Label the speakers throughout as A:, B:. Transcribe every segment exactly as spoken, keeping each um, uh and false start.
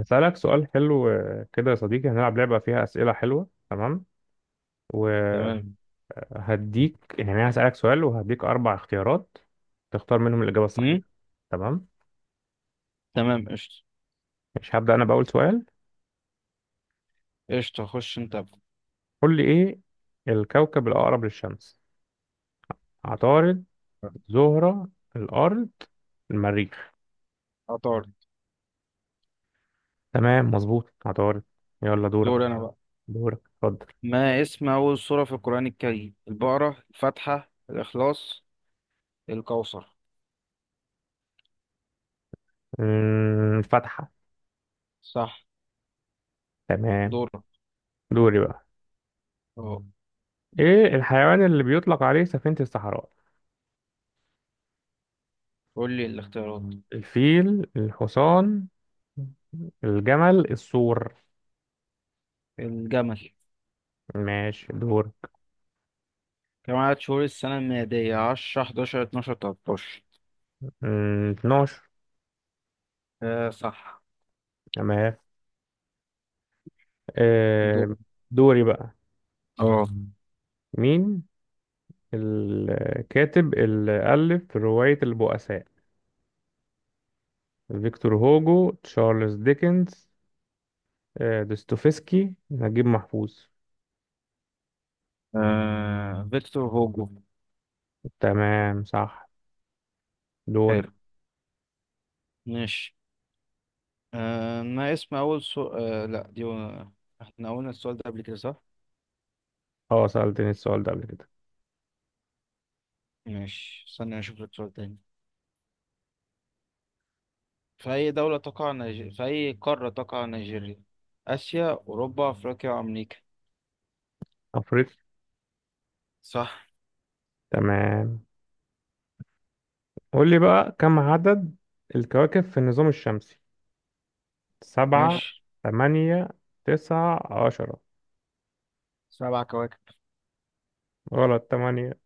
A: هسألك سؤال حلو آه، كده يا صديقي. هنلعب لعبة فيها أسئلة حلوة. تمام وهديك.
B: تمام.
A: يعني أنا هسألك سؤال وهديك أربع اختيارات تختار منهم الإجابة الصحيحة.
B: هم؟
A: تمام.
B: تمام، قشطة.
A: مش هبدأ أنا بأول سؤال.
B: قشطة، خش انت.
A: قول لي إيه الكوكب الأقرب للشمس؟ عطارد، زهرة، الأرض، المريخ.
B: عطارد.
A: تمام مظبوط عطارد. يلا دورك.
B: دور انا بقى.
A: دورك اتفضل.
B: ما اسم اول سورة في القرآن الكريم؟ البقرة، الفاتحة، الاخلاص، الكوثر.
A: أمم، فتحة.
B: صح.
A: تمام.
B: دورك.
A: دوري بقى.
B: اهو.
A: إيه الحيوان اللي بيطلق عليه سفينة الصحراء؟
B: قول لي الاختيارات.
A: الفيل، الحصان، الجمل، السور.
B: الجمل.
A: ماشي دور.
B: كم عدد شهور السنة الميلادية؟ عشرة، أحد عشر، اثنا عشر، تلتاشر.
A: مم، اتناشر.
B: آه، صح.
A: تمام.
B: دور.
A: آه، دوري بقى.
B: اه.
A: مين الكاتب اللي ألف رواية البؤساء؟ فيكتور هوجو، تشارلز ديكنز، آه، دوستويفسكي، نجيب محفوظ.
B: آه، فيكتور هوجو.
A: تمام صح. دور.
B: حلو. ماشي. آه ما اسم اول سو... آه لا، دي و... احنا قلنا السؤال ده قبل كده، صح؟
A: اه، سألتني السؤال ده قبل كده.
B: ماشي، استنى أشوف لك سؤال تاني. في أي دولة تقع نيجيريا في أي قارة تقع نيجيريا؟ آسيا، أوروبا، أفريقيا، أمريكا.
A: أفريقيا.
B: صح.
A: تمام. قول لي بقى كم عدد الكواكب في النظام الشمسي؟ سبعة،
B: ماشي.
A: تمانية، تسعة، عشرة.
B: سبع كواكب.
A: غلط، تمانية.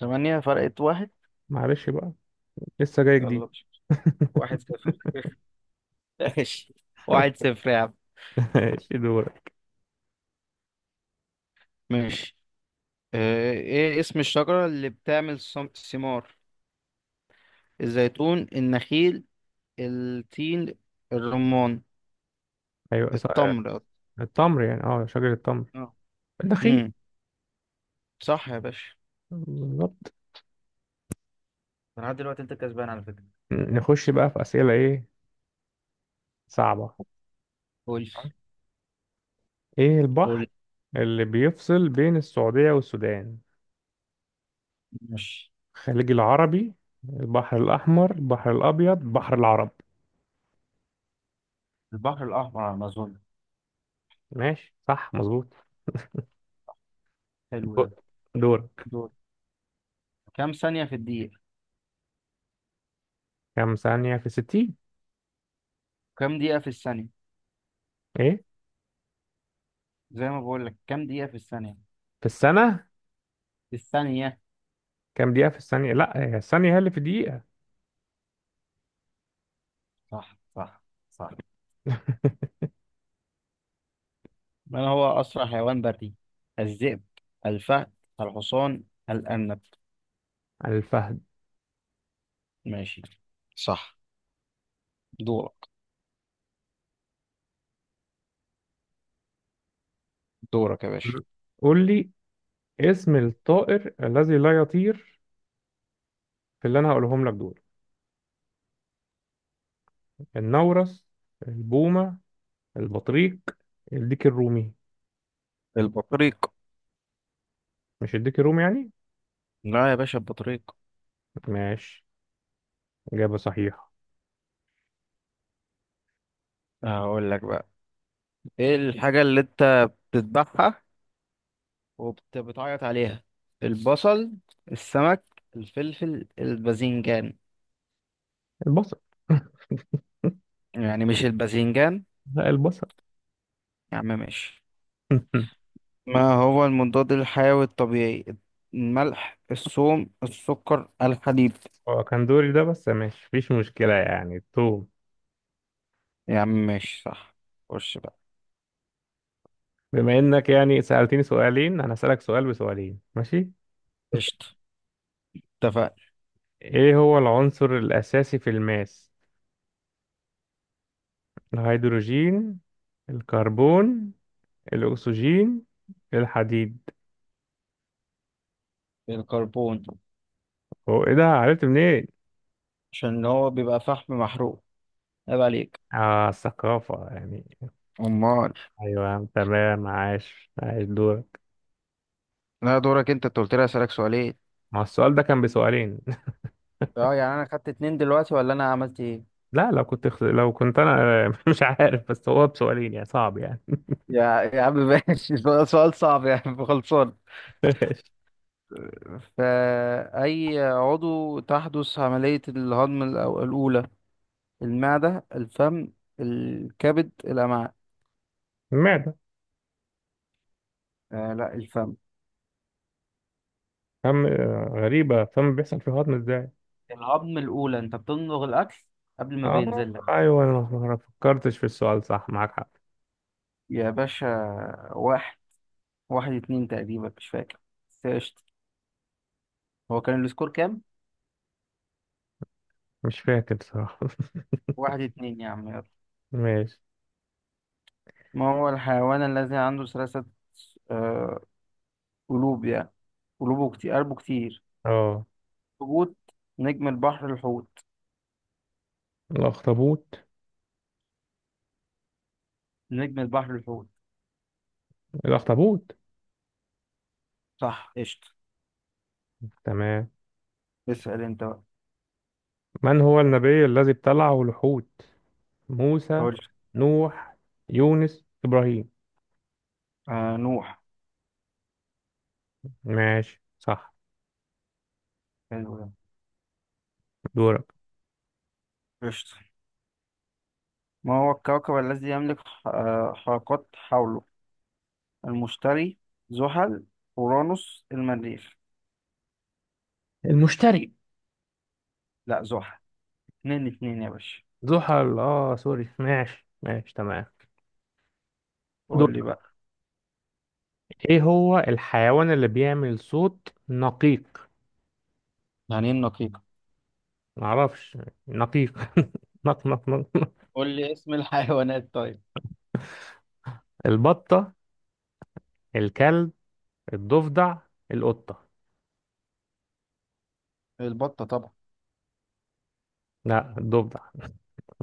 B: ثمانية، فرقت واحد.
A: معلش بقى، لسه جاي جديد.
B: يلا مش مشكلة. واحد صفر ماشي. واحد صفر يا عم.
A: ماشي دورك.
B: ماشي. آه، ايه اسم الشجرة اللي بتعمل صم- ثمار؟ الزيتون، النخيل، التين، الرمان.
A: أيوة صح.
B: التمر.
A: التمر؟ يعني اه شجرة التمر،
B: اه.
A: النخيل.
B: امم، صح يا باشا.
A: بالظبط.
B: لحد دلوقتي انت كسبان على فكرة.
A: نخش بقى في أسئلة إيه، صعبة.
B: قول.
A: إيه البحر
B: قول.
A: اللي بيفصل بين السعودية والسودان؟
B: ماشي.
A: الخليج العربي، البحر الأحمر، البحر الأبيض، بحر العرب.
B: البحر الأحمر على الأمازون.
A: ماشي صح مظبوط.
B: حلو ده.
A: دو- دورك.
B: دول. كام ثانية في الدقيقة؟
A: كم ثانية في ستين؟
B: كام دقيقة في الثانية؟
A: إيه؟
B: زي ما بقول لك، كام دقيقة في الثانية؟
A: في السنة؟
B: في الثانية.
A: كم دقيقة في الثانية؟ لا هي الثانية هي اللي في دقيقة.
B: صح، صح. صح. من هو أسرع حيوان بري؟ الذئب، الفهد، الحصان، الأرنب.
A: الفهد.
B: ماشي. صح. دورك. دورك يا باشا.
A: مم. قول لي اسم الطائر الذي لا يطير، في اللي انا هقولهم لك دول: النورس، البومة، البطريق، الديك الرومي.
B: البطريق.
A: مش الديك الرومي يعني؟
B: لا يا باشا، البطريق.
A: ماشي إجابة صحيحة.
B: هقول لك بقى. ايه الحاجة اللي انت بتذبحها وبتعيط عليها؟ البصل، السمك، الفلفل، الباذنجان.
A: البصل.
B: يعني مش الباذنجان.
A: لا البصل.
B: يا عم ماشي. ما هو المضاد الحيوي الطبيعي؟ الملح، الثوم، السكر، الحديد.
A: هو كان دوري ده، بس ماشي مفيش مشكلة، يعني توم.
B: يا عم ماشي، صح. خش بقى.
A: بما انك يعني سألتني سؤالين، انا هسألك سؤال بسؤالين ماشي.
B: قشطة، اتفقنا.
A: ايه هو العنصر الاساسي في الماس؟ الهيدروجين، الكربون، الاكسجين، الحديد.
B: الكربون.
A: هو ايه ده، عرفت منين؟
B: عشان هو بيبقى فحم محروق. عيب عليك.
A: اه الثقافة يعني.
B: امال.
A: ايوه تمام، عاش عاش دورك.
B: لا، دورك. انت انت قلت لي اسالك سؤالين.
A: ما هو السؤال ده كان بسؤالين؟
B: اه، يعني انا خدت اتنين دلوقتي ولا انا عملت ايه؟
A: لا لو كنت خ... لو كنت انا مش عارف، بس هو بسؤالين يعني صعب يعني.
B: يا يا عم ماشي. سؤال، سؤال صعب يا عم، خلصان. فأي عضو تحدث عملية الهضم الأو- الأولى؟ المعدة، الفم، الكبد، الأمعاء.
A: المعدة.
B: آه، لا، الفم.
A: فم، آه، غريبة فم بيحصل فيه هضم ازاي؟
B: الهضم الأولى أنت بتمضغ الأكل قبل ما
A: اه
B: بينزل لك.
A: ايوه، انا ما فكرتش في السؤال، صح معاك حق.
B: يا باشا. واحد واحد اتنين تقريبا، مش فاكر. بس قشطة. هو كان السكور كام؟
A: مش فاكر صراحة.
B: واحد اتنين يا عم، يلا.
A: ماشي.
B: ما هو الحيوان الذي عنده ثلاثة آه، قلوب يعني؟ قلوبه كتير، قلبه كتير.
A: اه
B: حوت. نجم البحر، الحوت.
A: الاخطبوط.
B: نجم البحر، الحوت.
A: الاخطبوط.
B: صح قشطة.
A: تمام.
B: اسأل انت بقى.
A: من هو النبي الذي ابتلعه الحوت؟ موسى،
B: قول.
A: نوح، يونس، إبراهيم.
B: آه، نوح.
A: ماشي صح.
B: حلو ده.
A: دورك.
B: قشطة. ما هو الكوكب الذي يملك ح- آه حلقات حوله؟ المشتري، زحل، أورانوس، المريخ.
A: المشتري.
B: لا، زحل. اتنين اتنين يا باشا.
A: زحل اه سوري، ماشي ماشي تمام.
B: قول
A: دورك.
B: لي بقى.
A: ايه هو الحيوان اللي بيعمل صوت نقيق؟
B: يعني ايه النقيقة؟
A: معرفش، نقيق. نق نق نق نق.
B: قول لي اسم الحيوانات طيب.
A: البطة، الكلب، الضفدع، القطة.
B: البطة طبعا.
A: لا الضفدع.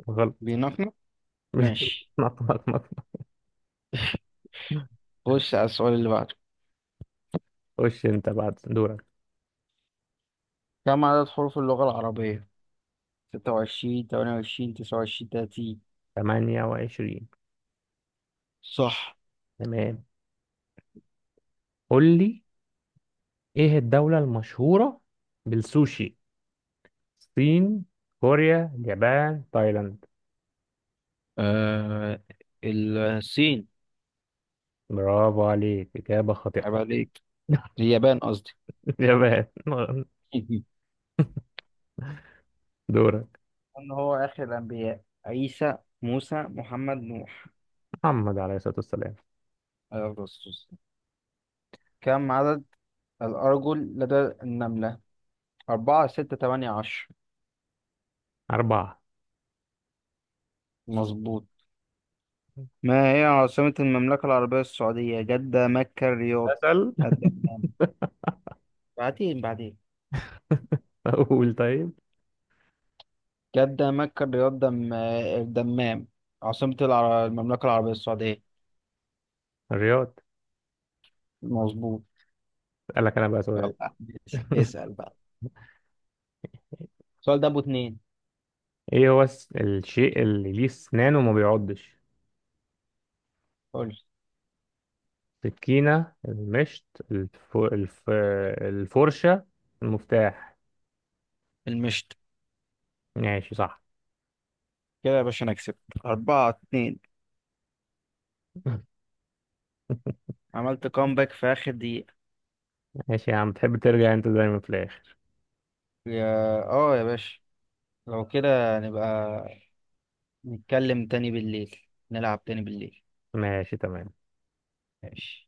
A: غلط.
B: بينحنى. ماشي.
A: نق نق نق.
B: خش على السؤال اللي بعده.
A: خش انت بعد دورك.
B: كم عدد حروف اللغة العربية؟ ستة وعشرين، تمانية وعشرين، تسعة وعشرين، تلاتين.
A: تمانية وعشرين.
B: صح.
A: تمام. قول لي ايه الدولة المشهورة بالسوشي؟ الصين، كوريا، اليابان، تايلاند.
B: آه، الصين.
A: برافو عليك إجابة خاطئة.
B: عيب عليك. اليابان، قصدي.
A: اليابان.
B: مهم.
A: دورك.
B: ان هو اخر الانبياء؟ عيسى، موسى، محمد، نوح.
A: محمد عليه الصلاة والسلام.
B: عليه أفضل الصلاة والسلام. كم عدد الارجل لدى النملة؟ أربعة، ستة، تمانية، عشر.
A: أربعة.
B: مظبوط. ما هي عاصمة المملكة العربية السعودية؟ جدة، مكة، الرياض،
A: أسأل.
B: الدمام. بعدين، بعدين.
A: أقول طيب.
B: جدة، مكة، الرياض، دم الدمام. عاصمة العر... المملكة العربية السعودية.
A: الرياض.
B: مظبوط.
A: أسألك أنا بقى سؤال.
B: يلا ماشي. اسأل بقى. السؤال ده أبو اتنين.
A: إيه هو الس- الشيء اللي ليه أسنان وما بيعضش؟
B: قول.
A: السكينة، المشط، الف... الف... الفرشة، المفتاح.
B: المشت.
A: ماشي صح.
B: كده يا باشا، أنا كسبت. أربعة اتنين. عملت كومباك في آخر دقيقة.
A: ماشي يا عم، بتحب ترجع أنت دايما في الآخر.
B: يا اه يا باشا. لو كده نبقى نتكلم تاني بالليل. نلعب تاني بالليل.
A: ماشي تمام.
B: ماشي.